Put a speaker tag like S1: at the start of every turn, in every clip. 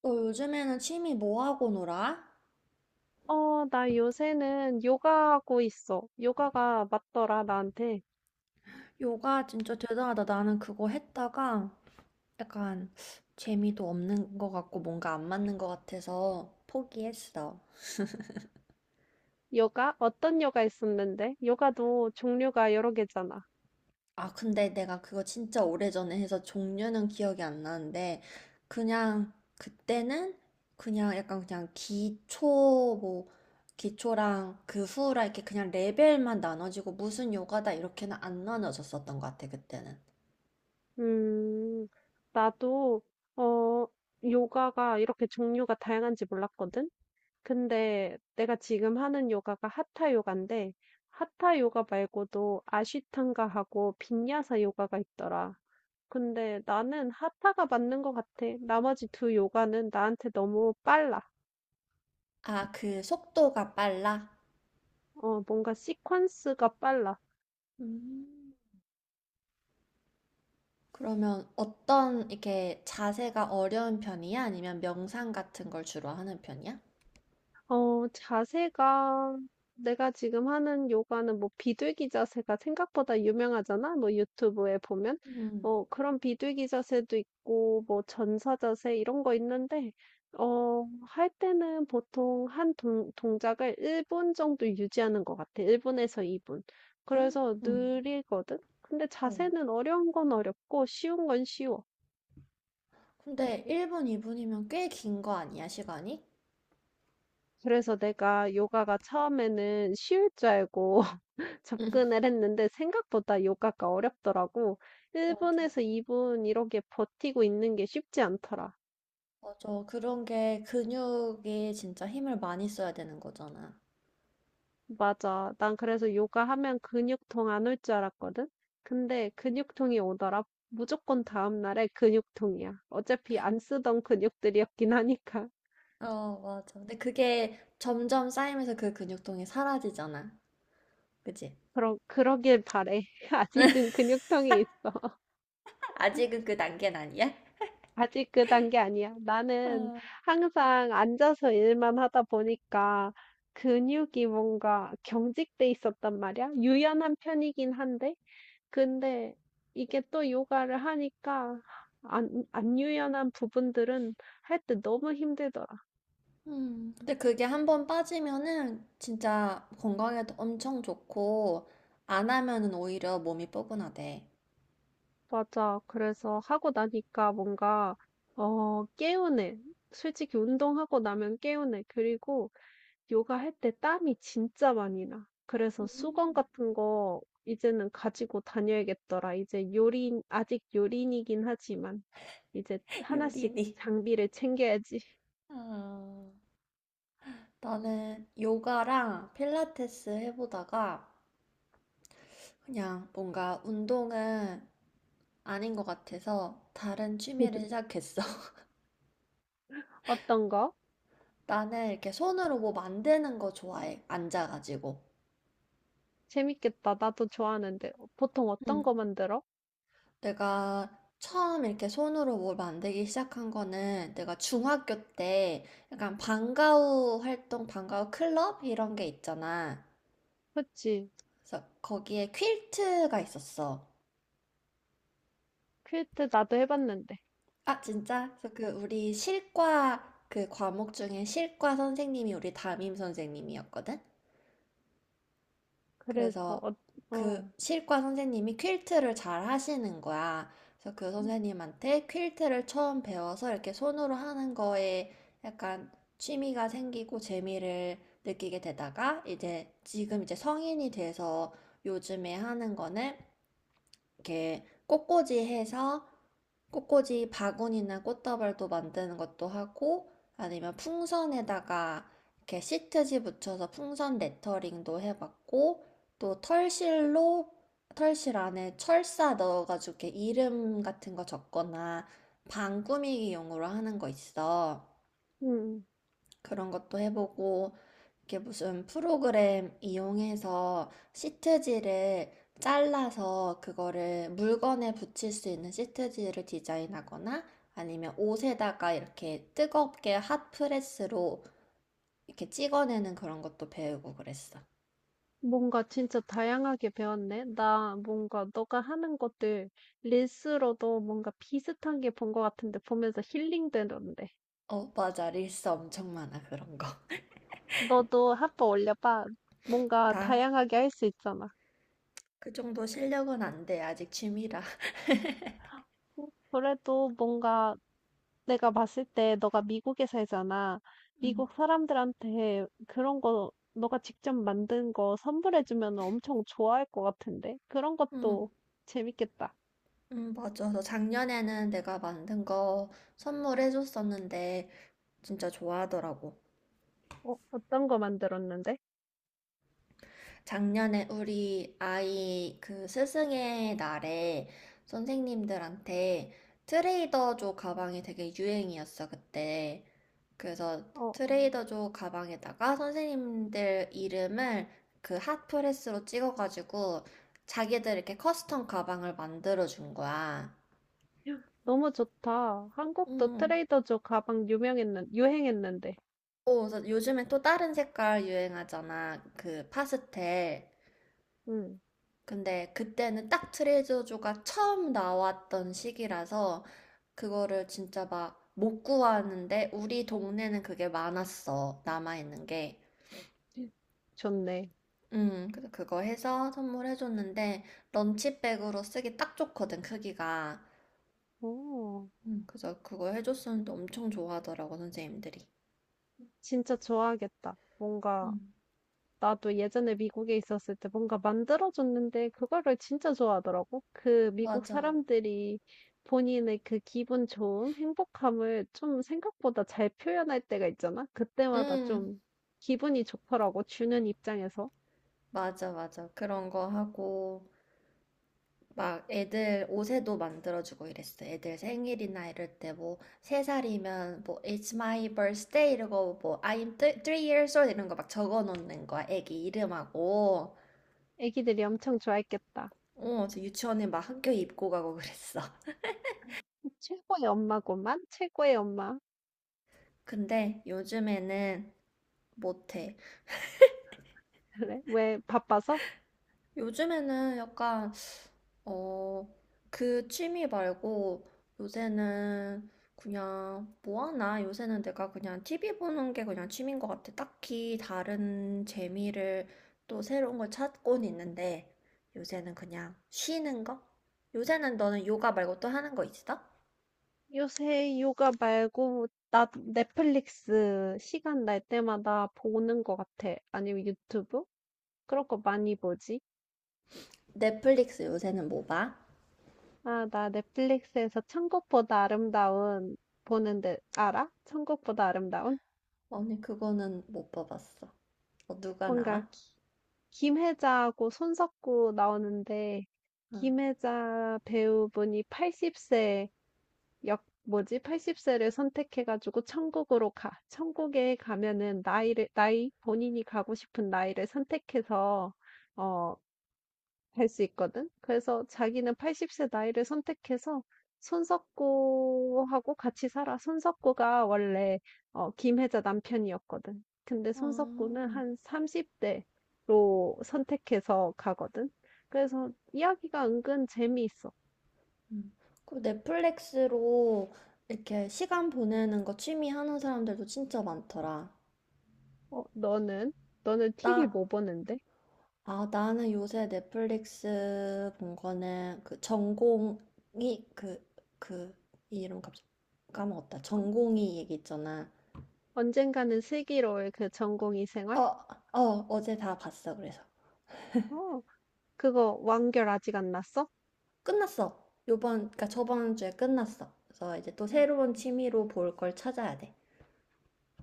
S1: 너 요즘에는 취미 뭐 하고 놀아?
S2: 어, 나 요새는 요가 하고 있어. 요가가 맞더라, 나한테.
S1: 요가 진짜 대단하다. 나는 그거 했다가 약간 재미도 없는 것 같고 뭔가 안 맞는 것 같아서 포기했어.
S2: 요가? 어떤 요가 있었는데? 요가도 종류가 여러 개잖아.
S1: 아, 근데 내가 그거 진짜 오래전에 해서 종류는 기억이 안 나는데 그냥 그때는 그냥 약간 그냥 기초 뭐 기초랑 그 후라 이렇게 그냥 레벨만 나눠지고 무슨 요가다 이렇게는 안 나눠졌었던 것 같아, 그때는.
S2: 음, 나도, 어, 요가가 이렇게 종류가 다양한지 몰랐거든? 근데 내가 지금 하는 요가가 하타 요가인데, 하타 요가 말고도 아쉬탕가하고 빈야사 요가가 있더라. 근데 나는 하타가 맞는 것 같아. 나머지 두 요가는 나한테 너무 빨라.
S1: 아, 그 속도가 빨라?
S2: 어, 뭔가 시퀀스가 빨라.
S1: 음. 그러면 어떤 이렇게 자세가 어려운 편이야? 아니면 명상 같은 걸 주로 하는 편이야?
S2: 어, 자세가, 내가 지금 하는 요가는 뭐 비둘기 자세가 생각보다 유명하잖아? 뭐 유튜브에 보면.
S1: 음.
S2: 뭐 그런 비둘기 자세도 있고, 뭐 전사 자세 이런 거 있는데, 어, 할 때는 보통 한 동작을 1분 정도 유지하는 것 같아. 1분에서 2분.
S1: 음.
S2: 그래서
S1: 음.
S2: 느리거든? 근데
S1: 어.
S2: 자세는 어려운 건 어렵고, 쉬운 건 쉬워.
S1: 근데 1분, 2분이면 꽤 긴 거 아니야, 시간이?
S2: 그래서 내가 요가가 처음에는 쉬울 줄 알고 접근을 했는데 생각보다 요가가 어렵더라고.
S1: 맞아.
S2: 1분에서 2분 이렇게 버티고 있는 게 쉽지 않더라.
S1: 맞아. 그런 게 근육이 진짜 힘을 많이 써야 되는 거잖아.
S2: 맞아. 난 그래서 요가 하면 근육통 안 올 줄 알았거든. 근데 근육통이 오더라. 무조건 다음 날에 근육통이야. 어차피 안 쓰던 근육들이었긴 하니까.
S1: 어, 맞아. 근데 그게 점점 쌓이면서 그 근육통이 사라지잖아. 그치?
S2: 그러길 바래. 아직은 근육통이 있어.
S1: 아직은 그 단계는 아니야?
S2: 아직 그 단계 아니야. 나는
S1: 어,
S2: 항상 앉아서 일만 하다 보니까 근육이 뭔가 경직돼 있었단 말이야. 유연한 편이긴 한데, 근데 이게 또 요가를 하니까 안 유연한 부분들은 할 때 너무 힘들더라.
S1: 근데 그게 한 번 빠지면은 진짜 건강에도 엄청 좋고, 안 하면은 오히려 몸이 뻐근하대.
S2: 맞아. 그래서 하고 나니까 뭔가, 어, 개운해. 솔직히 운동하고 나면 개운해. 그리고 요가 할 때 땀이 진짜 많이 나. 그래서 수건
S1: 음.
S2: 같은 거 이제는 가지고 다녀야겠더라. 이제 아직 요린이긴 하지만 이제 하나씩
S1: 요리니.
S2: 장비를 챙겨야지.
S1: 아, 나는 요가랑 필라테스 해보다가 그냥 뭔가 운동은 아닌 것 같아서 다른 취미를 시작했어.
S2: 어떤 거?
S1: 나는 이렇게 손으로 뭐 만드는 거 좋아해. 앉아가지고.
S2: 재밌겠다. 나도 좋아하는데. 보통 어떤 거 만들어?
S1: 내가 처음 이렇게 손으로 뭘 만들기 시작한 거는 내가 중학교 때 약간 방과후 활동, 방과후 클럽 이런 게 있잖아.
S2: 그치.
S1: 그래서 거기에 퀼트가 있었어.
S2: 퀼트 나도 해봤는데.
S1: 아, 진짜? 그래서 그 우리 실과 그 과목 중에 실과 선생님이 우리 담임 선생님이었거든?
S2: 그래서,
S1: 그래서
S2: 어,
S1: 그
S2: 어,
S1: 실과 선생님이 퀼트를 잘 하시는 거야. 그래서 그 선생님한테 퀼트를 처음 배워서 이렇게 손으로 하는 거에 약간 취미가 생기고 재미를 느끼게 되다가 이제 지금 이제 성인이 돼서 요즘에 하는 거는 이렇게 꽃꽂이 해서 꽃꽂이 바구니나 꽃다발도 만드는 것도 하고, 아니면 풍선에다가 이렇게 시트지 붙여서 풍선 레터링도 해봤고, 또 털실로 털실 안에 철사 넣어가지고 이렇게 이름 같은 거 적거나 방 꾸미기용으로 하는 거 있어.
S2: 응.
S1: 그런 것도 해보고, 이렇게 무슨 프로그램 이용해서 시트지를 잘라서 그거를 물건에 붙일 수 있는 시트지를 디자인하거나 아니면 옷에다가 이렇게 뜨겁게 핫프레스로 이렇게 찍어내는 그런 것도 배우고 그랬어.
S2: 뭔가 진짜 다양하게 배웠네. 나 뭔가 너가 하는 것들 릴스로도 뭔가 비슷한 게 본 것 같은데 보면서 힐링 되던데.
S1: 어, 맞아. 릴스 엄청 많아, 그런 거.
S2: 너도 한 번 올려봐. 뭔가
S1: 나
S2: 다양하게 할 수 있잖아.
S1: 그 정도 실력은 안 돼. 아직 취미라.
S2: 그래도 뭔가 내가 봤을 때 너가 미국에 살잖아.
S1: 응,
S2: 미국 사람들한테 그런 거 너가 직접 만든 거 선물해주면 엄청 좋아할 것 같은데. 그런
S1: 응,
S2: 것도 재밌겠다.
S1: 응, 맞아. 너 작년에는 내가 만든 거 선물해줬었는데, 진짜 좋아하더라고.
S2: 어, 어떤 거 만들었는데?
S1: 작년에 우리 아이 그 스승의 날에 선생님들한테 트레이더조 가방이 되게 유행이었어, 그때. 그래서
S2: 어.
S1: 트레이더조 가방에다가 선생님들 이름을 그 핫프레스로 찍어가지고 자기들 이렇게 커스텀 가방을 만들어준 거야.
S2: 너무 좋다. 한국도
S1: 음.
S2: 트레이더조 가방 유행했는데.
S1: 오, 그래서 요즘에 또 다른 색깔 유행하잖아. 그 파스텔.
S2: 응,
S1: 근데 그때는 딱 트레저조가 처음 나왔던 시기라서 그거를 진짜 막 못 구하는데 우리 동네는 그게 많았어. 남아있는 게.
S2: 좋네.
S1: 그래서 그거 해서 선물해줬는데 런치백으로 쓰기 딱 좋거든, 크기가.
S2: 오,
S1: 그래서 그거 해줬었는데 엄청 좋아하더라고, 선생님들이.
S2: 진짜 좋아하겠다. 뭔가,
S1: 음,
S2: 나도 예전에 미국에 있었을 때 뭔가 만들어줬는데, 그거를 진짜 좋아하더라고. 그 미국
S1: 맞아.
S2: 사람들이 본인의 그 기분 좋음, 행복함을 좀 생각보다 잘 표현할 때가 있잖아? 그때마다
S1: 음,
S2: 좀 기분이 좋더라고, 주는 입장에서.
S1: 맞아, 맞아. 그런 거 하고. 막 애들 옷에도 만들어주고 이랬어. 애들 생일이나 이럴 때 뭐 세 살이면 뭐 It's my birthday 이러고 뭐 I'm three years old 이런 거 막 적어 놓는 거야. 애기 이름하고.
S2: 애기들이 엄청 좋아했겠다.
S1: 어, 저 유치원에 막 학교 입고 가고 그랬어.
S2: 최고의 엄마고만, 최고의 엄마.
S1: 근데 요즘에는 못해.
S2: 그래? 왜 바빠서?
S1: 요즘에는 약간 어, 그 취미 말고 요새는 그냥 뭐 하나? 요새는 내가 그냥 TV 보는 게 그냥 취미인 것 같아. 딱히 다른 재미를 또 새로운 걸 찾곤 있는데, 요새는 그냥 쉬는 거? 요새는 너는 요가 말고 또 하는 거 있어?
S2: 요새 요가 말고 나 넷플릭스 시간 날 때마다 보는 거 같아. 아니면 유튜브? 그런 거 많이 보지?
S1: 넷플릭스 요새는 뭐 봐?
S2: 아, 나 넷플릭스에서 천국보다 아름다운 보는데 알아? 천국보다 아름다운?
S1: 아니, 그거는 못 봐봤어. 어, 누가
S2: 뭔가
S1: 나와?
S2: 김혜자하고 손석구 나오는데
S1: 응.
S2: 김혜자 배우분이 80세 역 뭐지? 80세를 선택해 가지고 천국으로 가. 천국에 가면은 나이 본인이 가고 싶은 나이를 선택해서 어, 갈 수 있거든. 그래서 자기는 80세 나이를 선택해서 손석구하고 같이 살아. 손석구가 원래 김혜자 남편이었거든. 근데
S1: 아.
S2: 손석구는 한 30대로 선택해서 가거든. 그래서 이야기가 은근 재미있어.
S1: 음. 그 넷플릭스로 이렇게 시간 보내는 거 취미 하는 사람들도 진짜 많더라.
S2: 어, 너는 TV
S1: 나,
S2: 뭐 보는데?
S1: 나는 요새 넷플릭스 본 거는 그 전공이 그, 이 이름 갑자기 까먹었다. 전공이 얘기 있잖아.
S2: 언젠가는 슬기로울 그 전공의 생활?
S1: 어, 어, 어제 다 봤어. 그래서
S2: 어, 그거 완결 아직 안 났어?
S1: 끝났어. 요번, 그니까 저번 주에 끝났어. 그래서 이제 또
S2: 응.
S1: 새로운 취미로 볼 걸 찾아야 돼.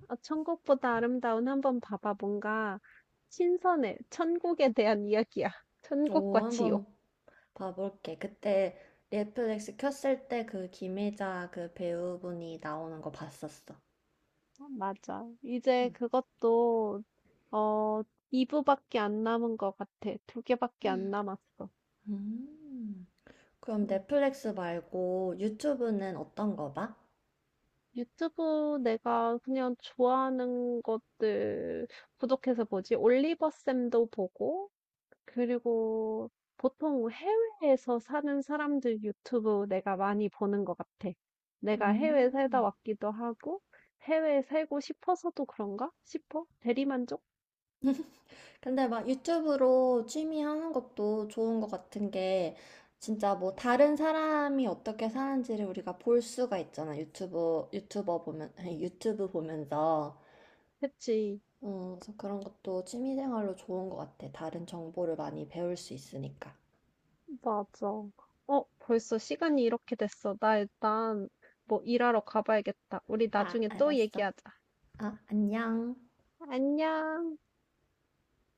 S2: 아, 천국보다 아름다운 한번 봐봐. 뭔가 신선해. 천국에 대한 이야기야.
S1: 오,
S2: 천국과 지옥.
S1: 한번 봐볼게. 그때 넷플릭스 켰을 때 그 김혜자 그 배우분이 나오는 거 봤었어.
S2: 어, 맞아. 이제 그것도 어, 2부밖에 안 남은 것 같아. 두 개밖에 안
S1: 음.
S2: 남았어.
S1: 음. 그럼
S2: 음.
S1: 넷플릭스 말고 유튜브는 어떤 거 봐?
S2: 유튜브 내가 그냥 좋아하는 것들 구독해서 보지. 올리버 쌤도 보고, 그리고 보통 해외에서 사는 사람들 유튜브 내가 많이 보는 것 같아. 내가 해외 살다
S1: 음.
S2: 왔기도 하고, 해외에 살고 싶어서도 그런가? 싶어? 대리만족?
S1: 근데 막 유튜브로 취미 하는 것도 좋은 것 같은 게 진짜 뭐 다른 사람이 어떻게 사는지를 우리가 볼 수가 있잖아. 유튜브 유튜버 보면 유튜브 보면서
S2: 그치,
S1: 그래서 그런 것도 취미생활로 좋은 것 같아. 다른 정보를 많이 배울 수 있으니까.
S2: 맞아. 어, 벌써 시간이 이렇게 됐어. 나 일단 뭐 일하러 가봐야겠다. 우리
S1: 아,
S2: 나중에 또
S1: 알았어.
S2: 얘기하자.
S1: 아, 안녕.
S2: 안녕.